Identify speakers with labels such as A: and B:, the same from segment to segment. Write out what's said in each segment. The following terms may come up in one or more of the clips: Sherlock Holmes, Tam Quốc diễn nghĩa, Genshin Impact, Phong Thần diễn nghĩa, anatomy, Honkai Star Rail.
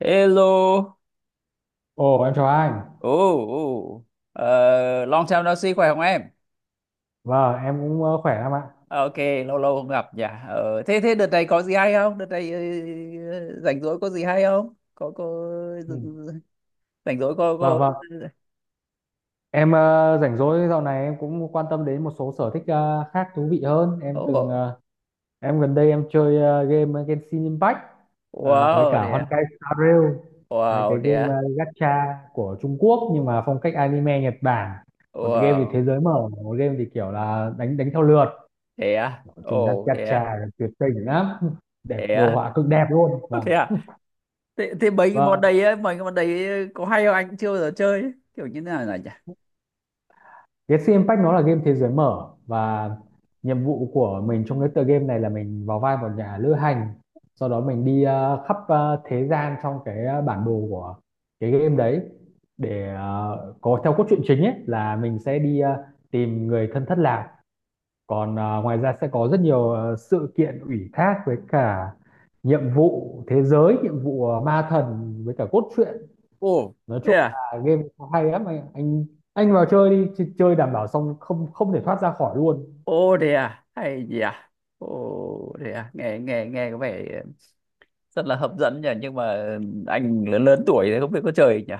A: Hello.
B: Ồ, em chào anh.
A: Ồ, ồ. Ờ, Long time no see, khỏe không em?
B: Vâng, em cũng khỏe lắm ạ.
A: Ờ, Ok, lâu lâu không gặp nhỉ. Ờ, thế thế đợt này có gì hay không? Đợt này rảnh rỗi có gì hay không? Có
B: Ừ.
A: rảnh rỗi có.
B: Vâng, vâng. Em rảnh rỗi dạo này em cũng quan tâm đến một số sở thích khác thú vị hơn.
A: Ồ,
B: Em gần đây em chơi game Genshin Impact với
A: wow,
B: cả
A: thế à?
B: Honkai Star Rail, hai
A: Wow,
B: cái
A: thế
B: game
A: à?
B: gacha của Trung Quốc nhưng mà phong cách anime Nhật Bản. Một game thì
A: Wow,
B: thế giới mở, một game thì kiểu là đánh đánh theo lượt.
A: thế à?
B: Chúng
A: Ồ, thế
B: gacha
A: à?
B: tuyệt tình lắm, đẹp
A: Thế
B: đồ
A: à?
B: họa cực đẹp luôn.
A: Ồ,
B: Vâng.
A: thế à? Thế, mấy cái món
B: Vâng,
A: đấy ấy, mấy cái món đấy có hay không anh cũng chưa bao giờ chơi ấy. Kiểu như thế nào nhỉ?
B: cái Genshin Impact nó là game thế giới mở và nhiệm vụ của mình trong cái tựa game này là mình vào vai một nhà lữ hành sau đó mình đi khắp thế gian trong bản đồ của cái game đấy để có theo cốt truyện chính ấy là mình sẽ đi tìm người thân thất lạc còn ngoài ra sẽ có rất nhiều sự kiện ủy thác với cả nhiệm vụ thế giới nhiệm vụ ma thần với cả cốt truyện
A: Ồ,
B: nói
A: thế
B: chung
A: à?
B: là game nó hay lắm anh vào chơi đi chơi đảm bảo xong không không thể thoát ra khỏi luôn.
A: Ô thế à? Hay gì à? Ô thế à? Nghe nghe nghe có vẻ rất là hấp dẫn nhỉ, nhưng mà anh lớn lớn tuổi thì không biết có chơi nhỉ.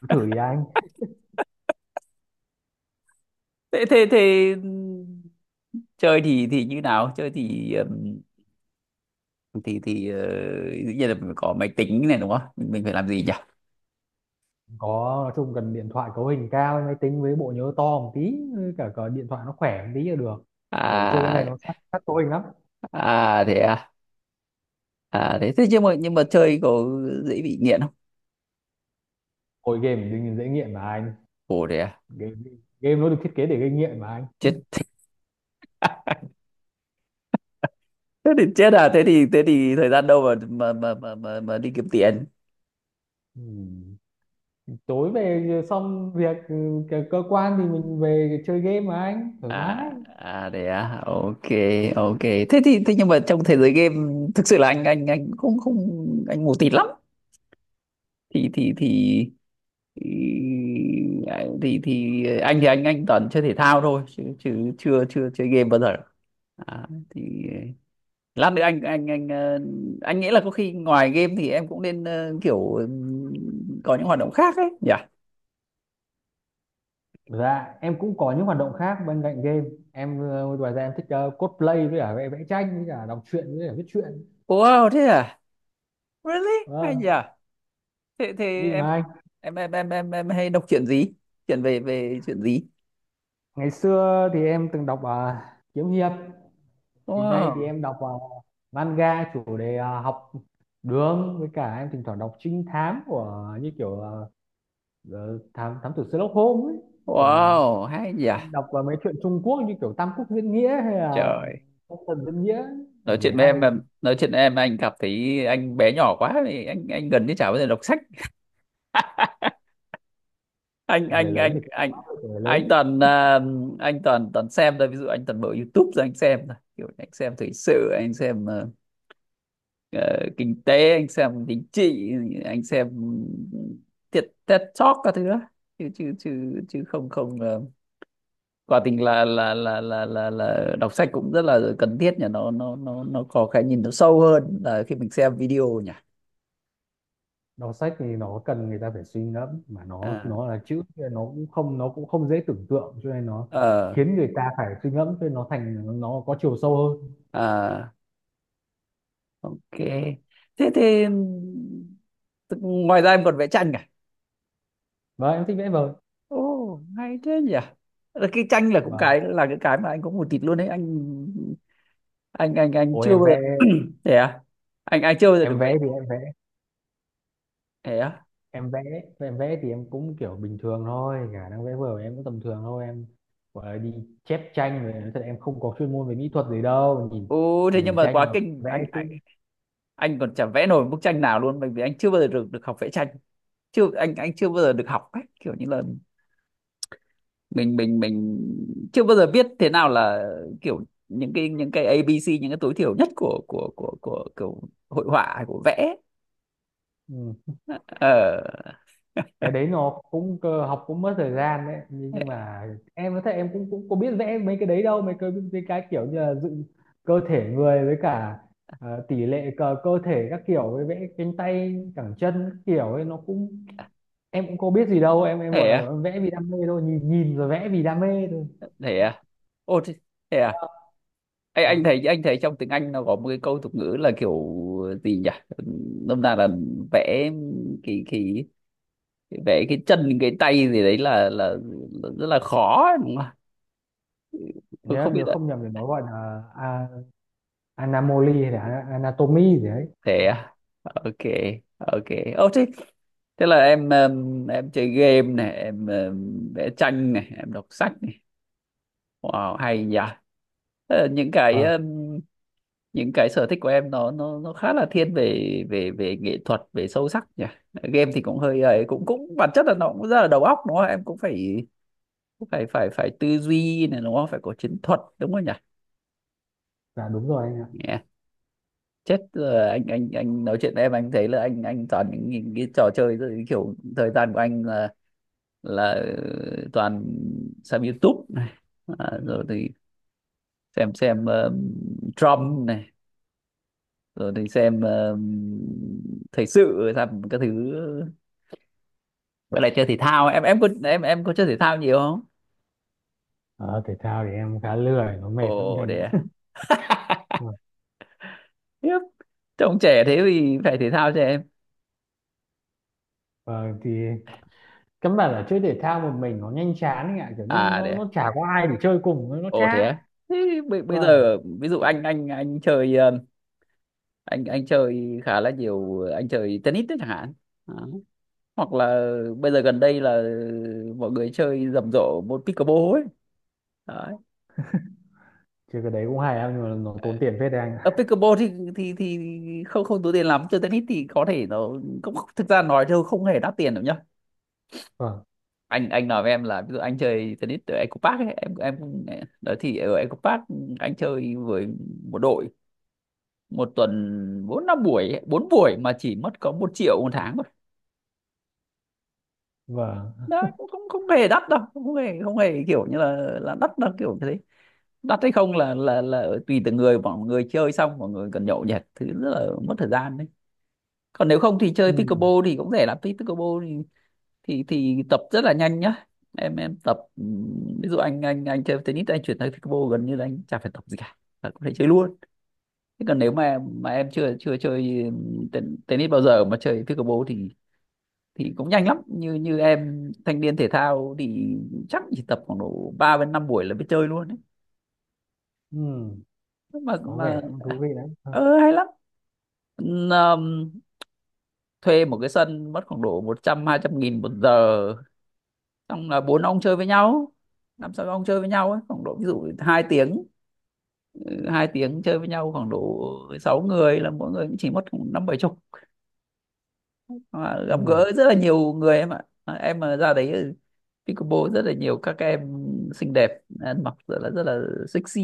B: Cứ thử đi anh.
A: Thế thế thế ừ, Chơi thì như nào? Chơi thì thì thì ờ, dĩ nhiên là mình có máy tính này đúng không? Mình phải làm gì nhỉ?
B: Có nói chung cần điện thoại cấu hình cao máy tính với bộ nhớ to một tí với cả điện thoại nó khỏe một tí là được bởi vì chơi cái
A: À
B: này nó sát sát cấu hình lắm.
A: à. À thế thế nhưng mà chơi có dễ bị nghiện không?
B: Hồi game thì dễ nghiện mà anh.
A: Ồ thế à.
B: Game, game nó được thiết kế để gây nghiện mà anh.
A: Chết. Thế thì chết à, thế thì thời gian đâu mà đi kiếm tiền.
B: Ừ. Tối về xong việc cơ cơ quan thì mình về chơi game mà anh thoải mái.
A: À à đấy à ok. Ok thế thì thế nhưng mà trong thế giới game thực sự là anh không không anh mù tịt lắm thì thì thì thì thì anh thì anh toàn chơi thể thao thôi chứ chứ chưa chưa chơi game bao giờ. À, thì lát nữa anh nghĩ là có khi ngoài game thì em cũng nên kiểu có những hoạt động khác ấy nhỉ.
B: Dạ, em cũng có những hoạt động khác bên cạnh game. Em ngoài ra em thích cosplay với cả vẽ vẽ tranh với cả đọc truyện với cả viết truyện.
A: Wow thế à, really, hay nhỉ.
B: Vâng,
A: Thế thế
B: vì
A: em
B: mà anh.
A: em hay đọc chuyện gì, chuyện về về chuyện gì?
B: Ngày xưa thì em từng đọc kiếm hiệp. Hiện nay thì
A: Wow,
B: em đọc manga chủ đề học đường với cả em thỉnh thoảng đọc trinh thám của như kiểu thám thám tử Sherlock Holmes ấy. Hoặc là
A: wow hay nhỉ.
B: đọc vào mấy chuyện Trung Quốc như kiểu Tam Quốc diễn nghĩa hay là
A: Trời,
B: Phong Thần diễn nghĩa
A: nói
B: để
A: chuyện với
B: hay.
A: em mà nói chuyện với em anh cảm thấy anh bé nhỏ quá thì anh gần như chả bao giờ đọc sách. anh
B: Người
A: anh
B: lớn
A: anh
B: thì cũng có
A: anh
B: áp lực của người lớn.
A: anh toàn à, anh toàn toàn xem thôi, ví dụ anh toàn mở YouTube rồi anh xem thôi, kiểu anh xem thời sự, anh xem ờ, kinh tế, anh xem chính trị, anh xem thiệt TED Talk các thứ đó, chứ chứ chứ chứ không không ờ, quả tình là đọc sách cũng rất là cần thiết nhỉ, nó có cái nhìn nó sâu hơn là khi mình xem video nhỉ.
B: Đọc sách thì nó cần người ta phải suy ngẫm mà
A: à,
B: nó là chữ thì nó cũng không dễ tưởng tượng cho nên nó
A: ờ,
B: khiến người ta phải suy ngẫm cho nên nó thành nó có chiều sâu hơn
A: à, ok thế thì tức- ngoài ra em còn vẽ tranh cả.
B: và em thích vẽ vời.
A: Ồ hay thế nhỉ, là cái tranh là cũng
B: Và
A: cái là cái mà anh có một tịt luôn đấy anh
B: ôi
A: chưa bao giờ thế à. Anh chưa bao giờ
B: em
A: được vẽ.
B: vẽ thì em vẽ
A: Thế à,
B: em vẽ em vẽ thì em cũng kiểu bình thường thôi khả năng vẽ vời em cũng tầm thường thôi em gọi là đi chép tranh rồi nói thật em không có chuyên môn về mỹ thuật gì đâu nhìn
A: ồ thế nhưng
B: nhìn
A: mà
B: tranh
A: quá
B: mà
A: kinh
B: vẽ
A: anh
B: chứ.
A: anh còn chả vẽ nổi bức tranh nào luôn, bởi vì anh chưa bao giờ được được học vẽ tranh. Chưa, anh anh chưa bao giờ được học cách kiểu như là mình chưa bao giờ biết thế nào là kiểu những cái, những cái A ABC, những cái tối thiểu nhất của kiểu hội họa hay của vẽ.
B: Ừ.
A: ờ
B: Cái đấy nó cũng cơ học cũng mất thời gian đấy nhưng
A: thế
B: nhưng mà em nói thật em cũng cũng có biết vẽ mấy cái đấy đâu mấy cái kiểu như là dựng cơ thể người với cả tỷ lệ cơ thể các kiểu với vẽ cánh tay cẳng chân các kiểu ấy nó cũng em cũng có biết gì đâu em gọi
A: thế
B: là
A: à,
B: vẽ vì đam mê thôi nhìn nhìn rồi vẽ vì đam mê thôi.
A: thế à, ô thế, thế à.
B: Ờ,
A: Anh thấy trong tiếng Anh nó có một cái câu tục ngữ là kiểu gì nhỉ, nôm na là vẽ kỳ kỳ, vẽ cái chân cái tay gì đấy là rất là khó ấy, đúng không? Tôi
B: Nếu
A: không
B: em
A: biết
B: nhớ
A: ạ.
B: không nhầm thì nó gọi là anamoli hay là anatomy gì đấy.
A: Thế
B: Ờ,
A: à? Ok, ok. Ô thế thế là em chơi game này, em vẽ tranh này, em đọc sách này. Wow, hay nhỉ. Thế là những cái
B: vâng,
A: những cái sở thích của em nó khá là thiên về về về nghệ thuật, về sâu sắc nhỉ. Game thì cũng hơi ấy, cũng cũng bản chất là nó cũng rất là đầu óc đúng không? Em cũng phải phải phải tư duy này đúng không? Phải có chiến thuật đúng không nhỉ?
B: dạ đúng rồi anh ạ.
A: Yeah. Chết rồi, anh nói chuyện với em anh thấy là anh toàn những cái trò chơi rồi, cái kiểu thời gian của anh là toàn xem YouTube này, à, rồi thì xem Trump này, rồi thì xem thời sự, xem các thứ. Vậy là chơi thể thao em có chơi thể thao nhiều không?
B: Ờ, thể thao thì em khá lười nó
A: Ồ
B: mệt lắm anh
A: để
B: ạ. Ừ.
A: tiếp, trông trẻ thế thì phải thể thao cho em.
B: Ờ, thì căn bản là chơi thể thao một mình nó nhanh chán anh ạ kiểu như
A: À để à?
B: nó chả có ai để chơi cùng nó
A: Ồ thế
B: chán.
A: à? Thế bây
B: Vâng,
A: giờ ví dụ anh chơi khá là nhiều, anh chơi tennis đấy chẳng hạn. Đó. Hoặc là bây giờ gần đây là mọi người chơi rầm rộ môn pickleball ấy. Đấy.
B: chơi cái đấy cũng hay anh nhưng mà nó tốn tiền phết đấy anh
A: Ở
B: ạ.
A: pickleball thì không không tốn tiền lắm, chơi tennis thì có thể nó cũng, thực ra nói thôi không hề đắt tiền đâu nhá.
B: Vâng.
A: Anh nói với em là ví dụ anh chơi tennis ở Eco Park ấy, em cũng đó thì ở Eco Park anh chơi với một đội, một tuần bốn năm buổi ấy, bốn buổi mà chỉ mất có một triệu một tháng.
B: Vâng.
A: Đó cũng không không hề đắt đâu, không hề không hề kiểu như là đắt đâu, kiểu như thế. Đắt hay không là tùy từng người, mọi người chơi xong mọi người cần nhậu nhẹt thứ rất là mất thời gian đấy. Còn nếu không thì
B: Ừ.
A: chơi pickleball thì cũng rẻ lắm, pickleball thì tập rất là nhanh nhá. Em tập ví dụ anh chơi tennis, anh chuyển sang pickleball gần như là anh chả phải tập gì cả là có thể chơi luôn. Thế còn nếu mà em chưa chưa chơi ten- tennis bao giờ mà chơi pickleball thì cũng nhanh lắm, như như em thanh niên thể thao thì chắc chỉ tập khoảng độ 3 đến 5 buổi là biết chơi luôn ấy.
B: Ừ. Có
A: Mà
B: vẻ cũng thú vị đấy. Vâng.
A: ờ hay lắm. Ừm, thuê một cái sân mất khoảng độ một trăm hai trăm nghìn một giờ, xong là bốn ông chơi với nhau, năm sáu ông chơi với nhau ấy khoảng độ ví dụ hai tiếng. Hai tiếng chơi với nhau khoảng độ 6 người là mỗi người cũng chỉ mất khoảng năm bảy chục. Mà
B: Ừ.
A: gặp gỡ rất là nhiều người em ạ. À, em mà ra đấy, pickleball rất là nhiều các em xinh đẹp, ăn mặc rất là sexy.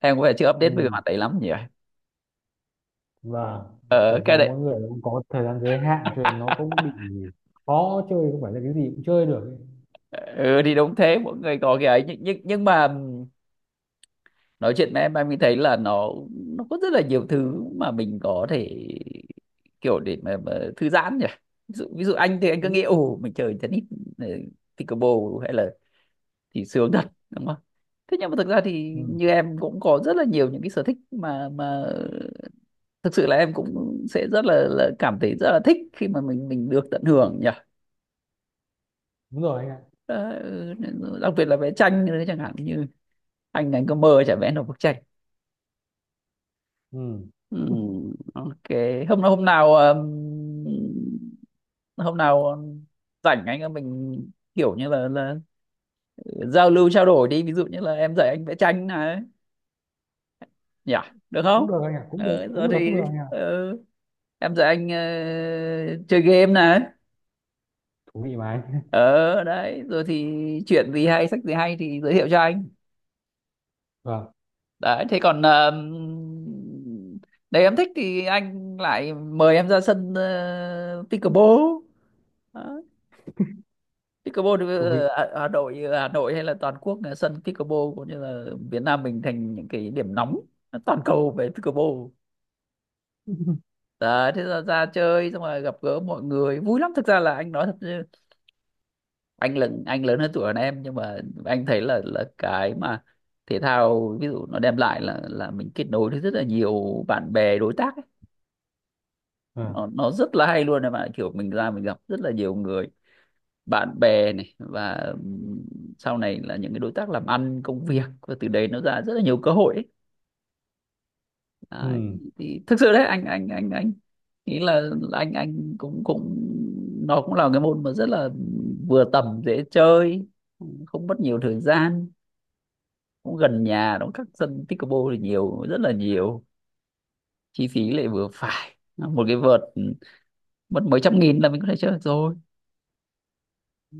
A: Em có vẻ chưa
B: Ừ.
A: update về mặt đấy lắm nhỉ.
B: Vâng,
A: Ờ
B: thực
A: cái
B: ra
A: đấy.
B: mỗi người cũng có thời gian giới hạn cho nên nó cũng bị khó chơi không phải là cái gì cũng chơi được ấy.
A: Ừ thì đúng thế, mỗi người có cái ấy, nhưng mà nói chuyện với em mới thấy là nó có rất là nhiều thứ mà mình có thể kiểu để mà thư giãn nhỉ. Ví dụ anh thì anh cứ nghĩ
B: Đúng.
A: ồ mình chơi tennis, ờ, pickleball hay là thì sướng thật đúng không? Thế nhưng mà thực ra thì như
B: Ừ.
A: em cũng có rất là nhiều những cái sở thích mà thực sự là em cũng sẽ rất là cảm thấy rất là thích khi mà mình được tận hưởng nhỉ.
B: Đúng rồi anh ạ.
A: Đó, đặc biệt là vẽ tranh nữa chẳng hạn, như anh có mơ chả vẽ được bức tranh.
B: Ừ,
A: ừ, ok. hôm nào hôm nào ừm, hôm nào rảnh anh em mình kiểu như là giao lưu trao đổi đi, ví dụ như là em dạy anh vẽ tranh này nhỉ, được không?
B: cũng được anh ạ, cũng được,
A: Rồi
B: cũng được, cũng
A: thì
B: được anh ạ.
A: ờ, em dạy anh chơi game này.
B: Thú vị mà anh.
A: Ờ đấy, rồi thì chuyện gì hay, sách gì hay thì giới thiệu cho anh.
B: Vâng,
A: Đấy, thế còn đấy em thích thì anh lại mời em ra sân pickleball. Đó. Pickleball thì,
B: thú vị.
A: ở Hà Nội hay là toàn quốc là sân pickleball cũng như là Việt Nam mình thành những cái điểm nóng toàn cầu về pickleball. Đấy, thế là ra chơi xong rồi gặp gỡ mọi người vui lắm, thực ra là anh nói thật chứ, anh lớn hơn tuổi hơn em nhưng mà anh thấy là cái mà thể thao ví dụ nó đem lại là mình kết nối với rất là nhiều bạn bè đối tác ấy.
B: Vâng.
A: Nó rất là hay luôn em ạ, kiểu mình ra mình gặp rất là nhiều người bạn bè này và sau này là những cái đối tác làm ăn công việc và từ đấy nó ra rất là nhiều cơ hội ấy. Đấy,
B: Ừ.
A: thì thực sự đấy anh nghĩ là anh cũng cũng nó cũng là cái môn mà rất là vừa tầm, dễ chơi, không mất nhiều thời gian, cũng gần nhà nó, các sân pickleball thì nhiều rất là nhiều, chi phí lại vừa phải, một cái vợt mất mấy trăm nghìn là mình có thể chơi được rồi.
B: Ừ,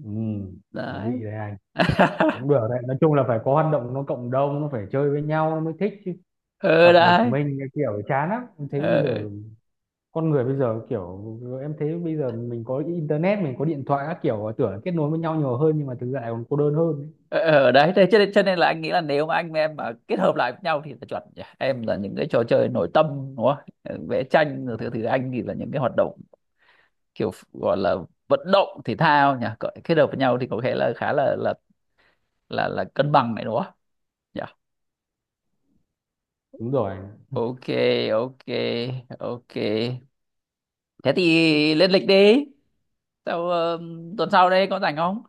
B: thú
A: Đấy.
B: vị đấy anh, cũng được đấy nói chung là phải có hoạt động nó cộng đồng nó phải chơi với nhau nó mới thích chứ.
A: ờ
B: Tập một
A: đấy
B: mình cái kiểu chán lắm em thấy bây
A: ờ
B: giờ con người bây giờ kiểu em thấy bây giờ mình có internet mình có điện thoại các kiểu tưởng kết nối với nhau nhiều hơn nhưng mà thực ra lại còn cô đơn hơn ấy.
A: Ờ, ở đấy, thế cho nên, là anh nghĩ là nếu mà anh với em mà kết hợp lại với nhau thì là chuẩn nhỉ, em là những cái trò chơi nội tâm đúng không? Ờ, vẽ tranh rồi thứ thứ anh thì là những cái hoạt động kiểu gọi là vận động thể thao nhỉ. Cỡ- kết hợp với nhau thì có thể là khá là cân bằng này đúng không nhỉ?
B: Đúng rồi.
A: Ok ok ok, thế thì lên lịch đi. Sau tuần sau đây có rảnh không?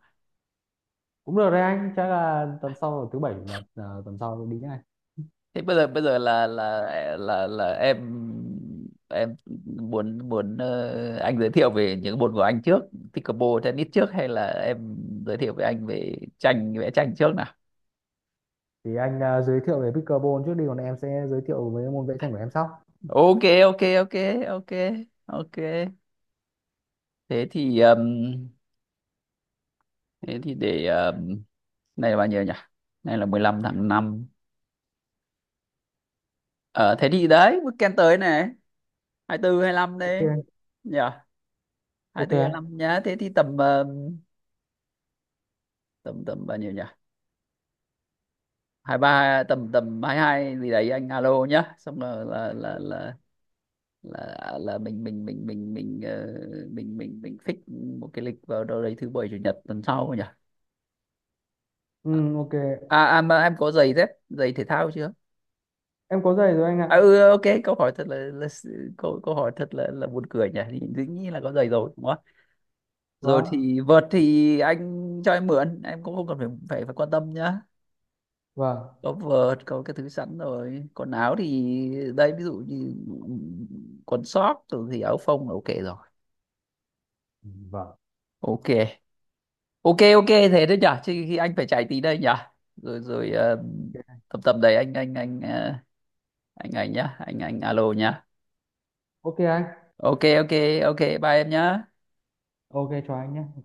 B: Cũng được đấy anh, chắc là tuần sau thứ bảy chủ nhật, à, tuần sau đi nhá anh.
A: Thế bây giờ là em em muốn muốn ờ, anh giới thiệu về những môn của anh trước, pickleball tennis trước, hay là em giới thiệu với anh về tranh, vẽ tranh trước nào?
B: Thì anh à, giới thiệu về pickleball trước đi còn em sẽ giới thiệu với môn vẽ tranh của em sau.
A: Ok ok ok ok Ok, thế thì ừm, thế thì để này là bao nhiêu nhỉ? Này là 15 tháng năm. Ờ thế thì đấy weekend tới này 24 lăm
B: Ok
A: đấy
B: anh.
A: nhỉ.
B: Ok anh.
A: 24 nhá, thế thì tầm tầm tầm bao nhiêu nhỉ, hai ba tầm tầm hai hai gì đấy anh alo nhá, xong rồi là mình mình fix một cái lịch vào đâu đấy thứ bảy chủ nhật tuần sau nhỉ.
B: Ừ. Ok.
A: À, à mà em có giày dép, giày thể thao chưa?
B: Em có giày rồi anh ạ.
A: À ừ ok, câu hỏi thật là câu câu hỏi thật là buồn cười nhỉ, thì dĩ nhiên là có giày rồi đúng không ạ? Rồi
B: Vâng.
A: thì vợt thì anh cho em mượn, em cũng không cần phải phải, phải quan tâm nhá.
B: Vâng.
A: Có vợt có cái thứ sẵn rồi, còn áo thì đây ví dụ như quần sót rồi thì áo phông là ok rồi.
B: Ừ, vâng.
A: Ok ok ok thế đấy nhở, chứ khi anh phải chạy tí đây nhở. Rồi rồi ờ, tầm tầm đấy anh alo nhá.
B: Ok anh.
A: Ok ok ok bye em nhá.
B: Ok cho anh nhé.